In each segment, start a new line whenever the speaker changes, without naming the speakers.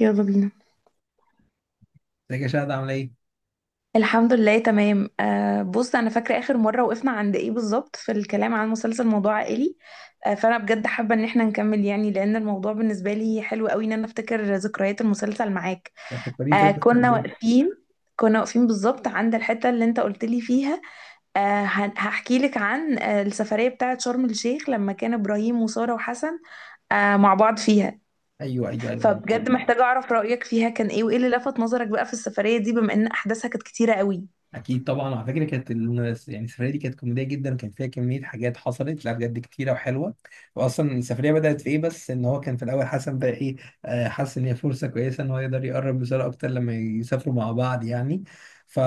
يلا بينا.
ازيك يا شهد، عامله ايه؟
الحمد لله تمام. آه، بص، انا فاكره اخر مره وقفنا عند ايه بالظبط في الكلام عن مسلسل موضوع عائلي. آه، فانا بجد حابه ان احنا نكمل، يعني لان الموضوع بالنسبه لي حلو قوي، ان انا افتكر ذكريات المسلسل معاك.
لا، فكريني، كده
آه.
كنت عامل
كنا
ايه؟
واقفين كنا واقفين بالظبط عند الحته اللي انت قلت لي فيها. آه. هحكي لك عن السفريه بتاعه شرم الشيخ لما كان ابراهيم وساره وحسن مع بعض فيها.
ايوه ايوه ايوه، أنا فاكر
فبجد
طبعا.
محتاجه اعرف رايك فيها كان ايه وايه اللي لفت نظرك بقى في السفريه دي، بما ان احداثها كانت كتيره قوي.
اكيد طبعا، على فكره كانت السفريه دي كانت كوميديه جدا، وكان فيها كميه حاجات حصلت، لا بجد كتيره وحلوه. واصلا السفريه بدات في ايه؟ بس ان هو كان في الاول حسن بقى ايه، حاسس ان هي فرصه كويسه ان هو يقدر يقرب لساره اكتر لما يسافروا مع بعض يعني. ف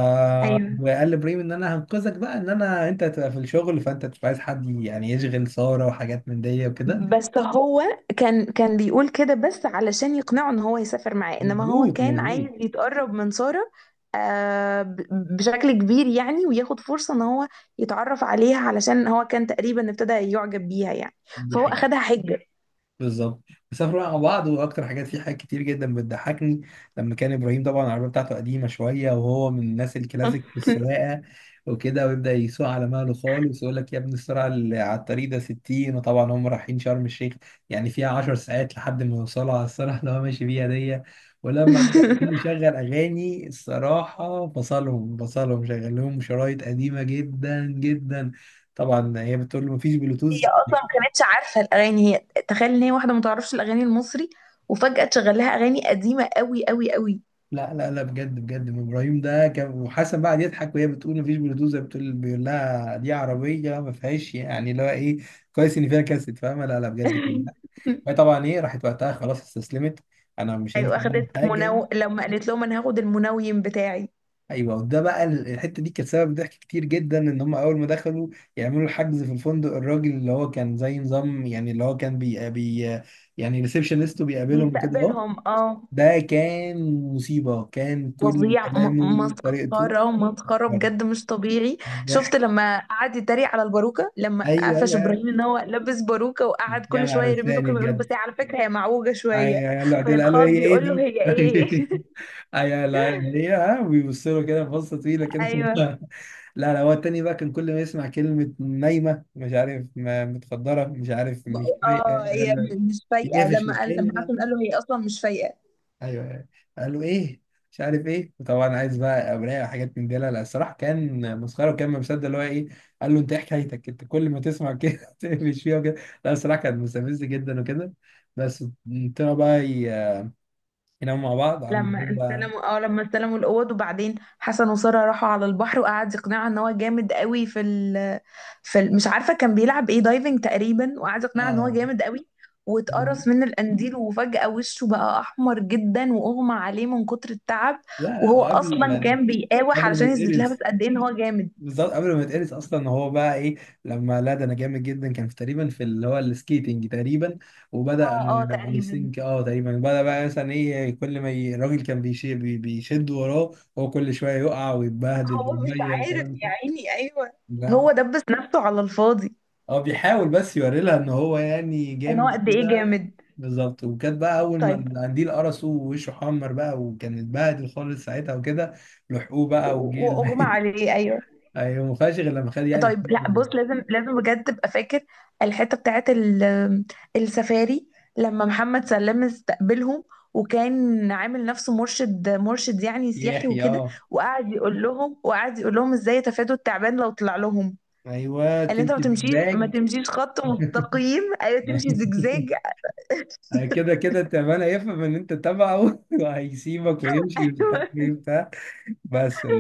ايوه،
وقال لابراهيم ان انا هنقذك بقى، ان انا انت هتبقى في الشغل، فانت مش عايز حد يعني يشغل ساره وحاجات من دي وكده.
بس هو كان بيقول كده بس علشان يقنعه ان هو يسافر معاه، انما هو
مظبوط
كان
مظبوط.
عايز يتقرب من سارة. آه، بشكل كبير يعني، وياخد فرصة ان هو يتعرف عليها، علشان هو كان تقريبا ابتدى يعجب بيها يعني. فهو
دي
اخدها حجة.
بالظبط. بيسافروا بقى مع بعض، واكتر حاجات في حاجات كتير جدا بتضحكني لما كان ابراهيم طبعا، العربيه بتاعته قديمه شويه وهو من الناس الكلاسيك في السواقه وكده. ويبدا يسوق على مهله خالص، يقول لك يا ابني السرعه اللي على الطريق ده 60، وطبعا هم رايحين شرم الشيخ يعني فيها 10 ساعات لحد ما يوصلوا على السرعه اللي هو ماشي بيها دي. ولما بيبقوا عايزين يشغل اغاني الصراحه، فصلهم شغل لهم شرايط قديمه جدا جدا. طبعا هي بتقول له مفيش
هي
بلوتوث.
اصلا ما كانتش عارفة الاغاني، هي تخيل ان هي واحدة ما تعرفش الاغاني المصري، وفجأة تشغل لها اغاني قديمة قوي قوي قوي.
لا لا لا، بجد بجد ابراهيم ده كان، وحسن بقى يضحك، وهي بتقول مفيش بلوتوث، زي بتقول بيقول لها دي عربيه ما فيهاش يعني اللي هو ايه. كويس ان فيها كاسيت، فاهمه؟ لا لا بجد كان ضحك. وهي طبعا ايه، راحت وقتها خلاص استسلمت، انا مش
ايوه،
هينفع اعمل
اخدت
حاجه.
منو لما قالت لهم انا هاخد المنويم بتاعي.
ايوه، وده بقى الحته دي كانت سبب ضحك كتير جدا. ان هم اول ما دخلوا يعملوا الحجز في الفندق، الراجل اللي هو كان زي نظام، يعني اللي هو كان بي, بي يعني ريسبشنست بيقابلهم كده اهو.
بيستقبلهم اه.
ده كان مصيبه، كان كل
فظيع،
كلامه وطريقته
مسخرة مسخرة بجد، مش طبيعي.
ضحك.
شفت لما قعد يتريق على الباروكة، لما
ايوه
قفش
ايوه
ابراهيم
أيوة.
ان هو لابس باروكة، وقعد
يا
كل شوية
نهار
يرمي له
لساني
كلمة، يقول بس
بجد.
هي على فكرة هي معوجة شوية.
ايوه يلا عدل، قالوا هي
فيتخض
ايه
يقول له
دي؟
هي ايه؟
ايوه لا، هي ها، بيبصوا له كده بصه طويله كده.
ايوه.
لا لا، هو التاني بقى كان كل ما يسمع كلمه نايمه، مش عارف متخدره، مش عارف، مش فايقه،
اه، هي مش فايقة،
يقفش في
لما
الكلمه.
حسن قال له هي اصلا مش فايقة.
ايوه أيوة. قال له ايه، مش عارف ايه، وطبعا عايز بقى اوراق وحاجات من دي. لا لا الصراحه كان مسخره، وكان ما مصدق اللي هو ايه. قال له انت ايه حكايتك؟ انت كل ما تسمع كده تقفش فيها وكده. لا الصراحه كان مستفز جدا وكده. بس طلعوا بقى يناموا مع بعض عاملين بقى،
لما استلموا الاوض، وبعدين حسن وساره راحوا على البحر، وقعد يقنعها ان هو جامد قوي في ال... مش عارفه كان بيلعب ايه، دايفنج تقريبا، وقعد يقنعها ان هو
اه.
جامد قوي.
لا
واتقرص من القنديل، وفجأة وشه بقى أحمر جدا وأغمى عليه من كتر التعب.
لا،
وهو
وقبل،
أصلا كان بيقاوح
قبل
علشان
ما
يثبت لها بس
يتقرص،
قد إيه إن هو جامد.
بالظبط قبل ما يتقرص، اصلا هو بقى ايه لما، لا ده انا جامد جدا، كان في تقريبا في اللي هو السكيتنج تقريبا. وبدا،
اه، اه،
اي
تقريبا.
ثينك اه تقريبا، بدا بقى مثلا ايه كل ما الراجل كان بيشي بيشد وراه، هو كل شويه يقع ويتبهدل
هو مش
بالميه
عارف
والكلام
يا
ده.
عيني، أيوه.
لا،
هو دبس نفسه على الفاضي.
هو بيحاول بس يوري لها ان هو يعني
إن هو
جامد
قد إيه
كده.
جامد.
بالظبط، وكانت بقى اول ما
طيب.
القنديل قرصه ووشه حمر بقى، وكان اتبهدل خالص ساعتها وكده. لحقوه بقى وجيل.
وأغمى عليه، أيوه.
ايوه، ما فيهاش غير لما خد يعني.
طيب، لا بص، لازم لازم بجد تبقى فاكر الحته بتاعت السفاري، لما محمد سلام استقبلهم وكان عامل نفسه مرشد مرشد يعني سياحي
يحيى
وكده.
اه.
وقعد يقول لهم ازاي يتفادوا التعبان لو طلع لهم.
ايوه
قال انت ما
تمشي
تمشيش، ما
زجزاج.
تمشيش خط مستقيم، ايوه تمشي زجزاج.
كده كده تعبان هيفهم ان انت تبعه، وهيسيبك ويمشي، ومش عارف ايه بتاع. بس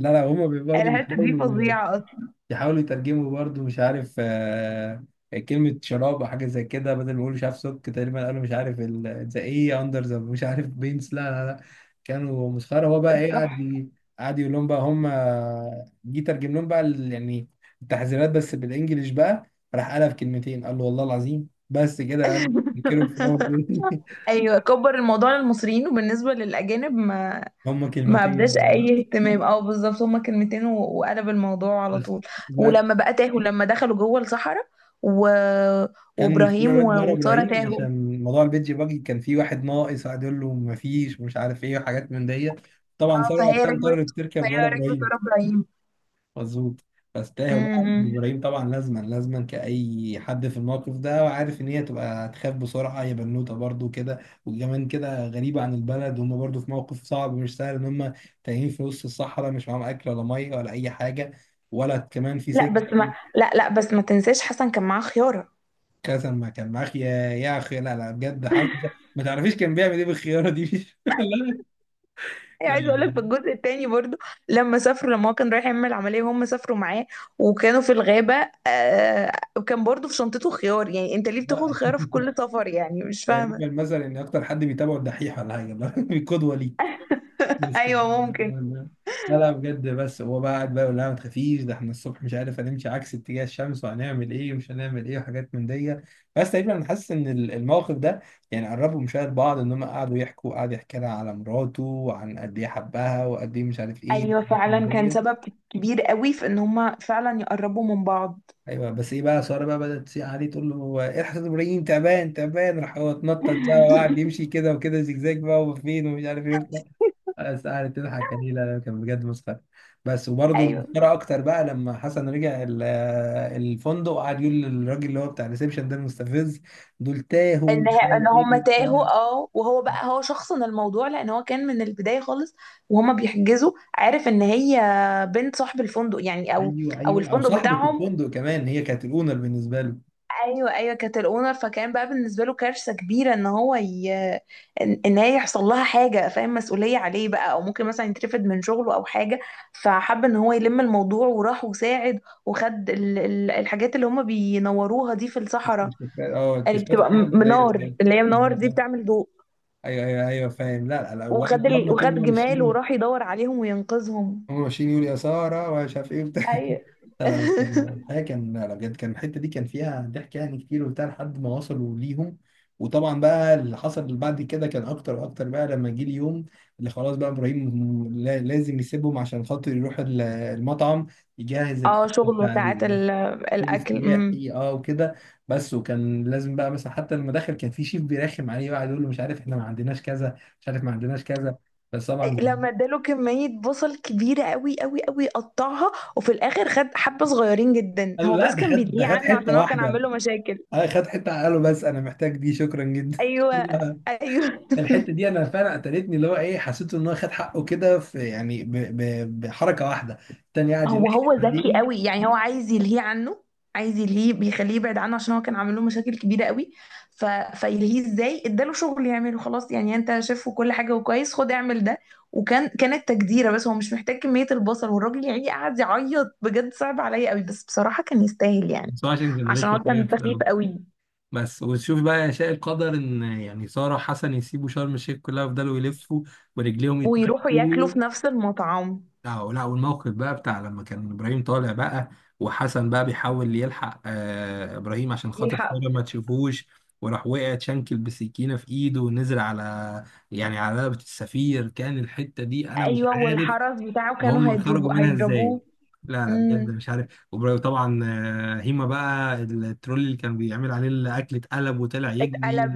لا لا هما برضه
الحته دي
بيحاولوا
فظيعه اصلا.
يحاولوا يترجموا، برضو مش عارف، كلمة شراب أو حاجة زي كده، بدل ما يقولوا مش عارف سك، تقريبا قالوا مش عارف ذا إيه أندر ذا، مش عارف بينس، لا لا لا كانوا مسخرة. هو بقى إيه، قعد
تحفه.
قعد يقول لهم بقى هم، جه ترجم لهم بقى التحذيرات بس بالإنجلش بقى، راح قالها في كلمتين، قال له والله العظيم بس كده قال، ينكروا في أول.
ايوه، كبر الموضوع للمصريين وبالنسبه للاجانب ما
هم
ما ابداش
كلمتين
اي
بالظبط.
اهتمام. اه، بالظبط، هما كلمتين وقلب الموضوع على
بس
طول. ولما بقى تاهوا لما دخلوا جوه الصحراء و...
كان فلورة
وابراهيم
راكبة ورا
وساره
ابراهيم،
تاهوا.
عشان موضوع البيتج باجي، كان في واحد ناقص، قعد يقول له مفيش ومش عارف ايه وحاجات من دي. طبعا
اه،
ثروت
فهي
وقتها
ركبت
اضطرت تركب ورا
فهي ركبت
ابراهيم.
ورا ابراهيم.
مظبوط. بس تاهوا بقى،
امم.
ابراهيم طبعا لازما لازما كأي حد في الموقف ده، وعارف ان هي تبقى تخاف بسرعة، هي بنوتة برضو كده، وكمان كده غريبة عن البلد، وهم برضو في موقف صعب مش سهل، ان هم تايهين في وسط الصحراء، مش معاهم اكل ولا مية ولا اي حاجة، ولا كمان في سجن.
لا لا بس ما تنساش حسن كان معاه خياره.
قسما ما كان معاك يا، يا اخي لا لا بجد، حد ما تعرفيش كان بيعمل ايه بالخياره دي. لا
هي
لا
عايزه اقول لك في
لا،
الجزء الثاني برضو، لما هو كان رايح يعمل عمليه وهم سافروا معاه وكانوا في الغابه. آه، وكان برضو في شنطته خيار، يعني انت ليه بتاخد
لا.
خياره في كل سفر؟ يعني مش
تقريبا
فاهمه.
مثلا ان اكتر حد بيتابعه الدحيح ولا حاجه، قدوه ليه. بس كده.
ايوه ممكن.
لا لا بجد، بس هو بقى قاعد بقى يقول لها ما تخافيش، ده احنا الصبح مش عارف هنمشي عكس اتجاه الشمس، وهنعمل ايه ومش هنعمل ايه وحاجات من دي. بس تقريبا انا حاسس ان الموقف ده يعني قربوا مشاهد بعض، ان هم قعدوا يحكوا، قعد يحكي لها على مراته وعن قد ايه حبها وقد ايه مش عارف ايه،
ايوه
حاجات من
فعلا، كان
دي.
سبب كبير قوي في ان هما فعلا يقربوا من بعض.
ايوه. بس ايه بقى، ساره بقى بدات تسيء عليه، تقول له هو ايه الحسن ابراهيم تعبان تعبان، راح هو اتنطط بقى وقعد يمشي كده وكده زجزاج بقى وفين ومش عارف ايه وبتاع، بس قعدت تضحك عليه. لا لا، كان بجد مسخره. بس وبرده
ايوه.
مسخره اكتر بقى لما حسن رجع الفندق، وقعد يقول للراجل اللي هو بتاع الريسبشن ده المستفز، دول تاهوا مش عارف
ان هما
ايه وبتاع.
تاهوا، اه، وهو بقى، هو شخصن الموضوع لان هو كان من البدايه خالص وهما بيحجزوا عارف ان هي بنت صاحب الفندق يعني، او
ايوه
او
ايوه، او
الفندق
صاحبه
بتاعهم.
الفندق كمان، هي كانت الاونر بالنسبه له.
ايوه، ايوه، كانت الاونر، فكان بقى بالنسبه له كارثه كبيره إن هي يحصل لها حاجه فاهم، مسؤوليه عليه بقى، او ممكن مثلا يترفد من شغله او حاجه. فحب ان هو يلم الموضوع وراح وساعد، وخد الحاجات اللي هم بينوروها دي في الصحراء،
مش فاكر- اه
اللي
اكتشفت
بتبقى
حاجات زي
منار اللي هي منار دي بتعمل ضوء.
ايوه ايوه ايوه فاهم. لا لا لا، وقعد هم طول
وخد
ما
جمال
ماشيين،
وراح يدور عليهم وينقذهم.
هم ماشيين يقولوا يا ساره ومش عارف ايه وبتاع.
ايوه.
لا لا بس كان الحقيقه كان، لا لا بجد كان الحته دي كان فيها ضحك يعني كتير وبتاع، لحد ما وصلوا ليهم. وطبعا بقى اللي حصل بعد كده كان اكتر واكتر بقى، لما جه اليوم اللي خلاص بقى ابراهيم لازم يسيبهم عشان خاطر يروح المطعم يجهز الاكل
اه، شغله
بتاع
ساعات
المفروض
الاكل. امم.
السياحي اه وكده. بس وكان لازم بقى مثلا، حتى لما دخل كان في شيف بيرخم عليه بقى، يقول له مش عارف احنا ما عندناش كذا، مش عارف ما عندناش كذا. بس طبعا
لما اداله كمية بصل كبيرة قوي قوي قوي، قطعها وفي الاخر خد حبة صغيرين جدا،
قال له
هو
لا
بس
ده
كان
خد، ده
بيدعيه
خد
عنه
حته
عشان هو كان
واحده،
عامل له مشاكل.
اه خد حته على قاله، بس انا محتاج دي، شكرا جدا.
ايوه،
لا،
ايوه.
الحته دي انا فعلا قتلتني، اللي هو ايه حسيت ان هو خد حقه كده، في يعني بحركه واحده، التاني قاعد
هو
يلحق
هو ذكي
عليه.
قوي، يعني هو عايز يلهيه عنه. عايز يلهيه، بيخليه يبعد عنه عشان هو كان عامل له مشاكل كبيرة قوي. ف... فيلهيه ازاي؟ اداله شغل يعمله خلاص، يعني انت شايف كل حاجة وكويس، خد اعمل ده. كانت تجديرة، بس هو مش محتاج كمية البصل، والراجل يعني قعد يعيط، بجد صعب عليا قوي، بس بصراحة كان يستاهل يعني.
بس هو عشان كان
عشان
رخم
هو
أيوة
كان
في
سخيف
الأول.
قوي.
بس وتشوف بقى يا شاء القدر إن يعني سارة وحسن يسيبوا شرم الشيخ كلها ويفضلوا يلفوا ورجليهم
ويروحوا ياكلوا
يتمشوا.
في نفس المطعم.
لا لا، والموقف بقى بتاع لما كان ابراهيم طالع بقى، وحسن بقى بيحاول يلحق ابراهيم عشان خاطر
يلحق.
خاله ما تشوفوش، وراح وقع اتشنكل بسكينه في ايده، ونزل على يعني على رقبه السفير، كان الحته دي انا مش
ايوه،
عارف
والحرس بتاعه كانوا
هم
هيضربوا
خرجوا منها ازاي.
هيضربوه
لا لا بجد
امم.
مش عارف. وطبعا هيما بقى الترول اللي كان بيعمل عليه الاكل اتقلب وطلع يجري.
اتقلب.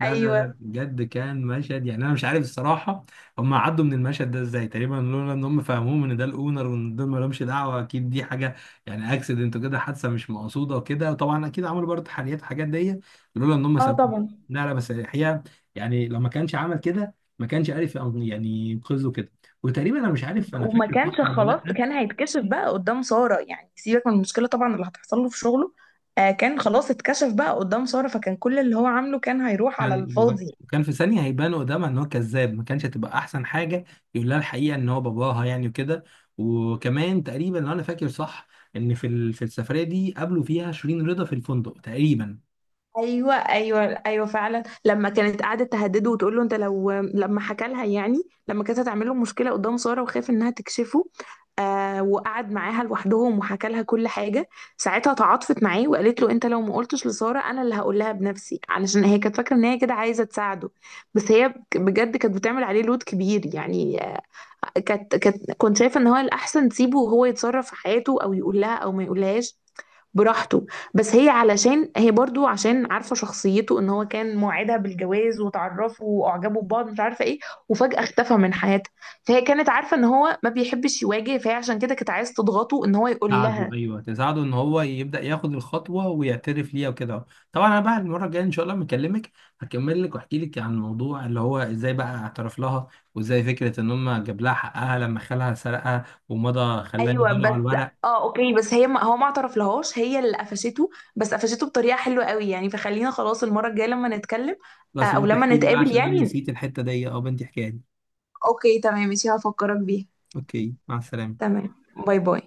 لا لا لا
ايوه.
بجد كان مشهد، يعني انا مش عارف الصراحه هم عدوا من المشهد ده ازاي، تقريبا لولا ان هم فهموه ان ده الاونر، وان دول ما لهمش دعوه، اكيد دي حاجه يعني اكسيدنت وكده، حادثه مش مقصوده وكده، طبعا اكيد عملوا برضه تحليات الحاجات دي، لولا ان هم
اه،
سابوه.
طبعا.
لا لا بس الحقيقه يعني لو ما كانش عمل كده، ما كانش عارف يعني ينقذه كده. وتقريبا انا مش عارف انا
وما
فاكر
كانش
صح ولا
خلاص،
لا،
كان هيتكشف بقى قدام سارة، يعني سيبك من المشكلة طبعا اللي هتحصل له في شغله. آه، كان خلاص اتكشف بقى قدام سارة، فكان كل اللي هو عامله كان هيروح على
كان بغ...
الفاضي.
كان في ثانيه هيبان قدامها ان هو كذاب، ما كانش هتبقى احسن حاجه يقول لها الحقيقه ان هو باباها يعني وكده. وكمان تقريبا لو انا فاكر صح، ان في السفريه دي قابلوا فيها شيرين رضا في الفندق تقريبا.
ايوه، ايوه، ايوه، فعلا، لما كانت قاعده تهدده وتقول له انت لو، لما حكى لها يعني، لما كانت هتعمل له مشكله قدام ساره وخاف انها تكشفه. آه، وقعد معاها لوحدهم وحكى لها كل حاجة. ساعتها تعاطفت معاه وقالت له انت لو ما قلتش لسارة انا اللي هقول لها بنفسي، علشان هي كانت فاكرة ان هي كده عايزة تساعده. بس هي بجد كانت بتعمل عليه لود كبير، يعني. آه. كانت كانت كنت شايفه ان هو الاحسن تسيبه وهو يتصرف في حياته، او يقول لها او ما يقولهاش براحته. بس هي علشان هي برضو عشان عارفه شخصيته، ان هو كان موعدها بالجواز وتعرفوا واعجبوا ببعض مش عارفه ايه، وفجاه اختفى من حياتها. فهي كانت عارفه ان هو ما بيحبش يواجه، فهي عشان كده كانت عايز تضغطه ان هو يقول
ساعدوا،
لها.
ايوه تساعدوا ان هو يبدا ياخد الخطوه ويعترف ليها وكده. طبعا انا بقى المره الجايه ان شاء الله لما اكلمك هكمل لك واحكي لك عن الموضوع، اللي هو ازاي بقى اعترف لها، وازاي فكره ان هم جاب لها حقها لما خالها سرقها ومضى خلاها
ايوه
يديله على
بس.
الورق.
اه، اوكي، بس هي، ما هو ما اعترف لهاش، هي اللي قفشته. بس قفشته بطريقه حلوه قوي يعني، فخلينا خلاص المره الجايه لما نتكلم. آه،
بس يا
او
بنتي
لما
احكي لي بقى،
نتقابل
عشان انا
يعني.
نسيت الحتة دي، اه بنتي احكيها لي.
اوكي تمام ماشي، هفكرك بيها.
اوكي مع السلامة.
تمام. باي باي.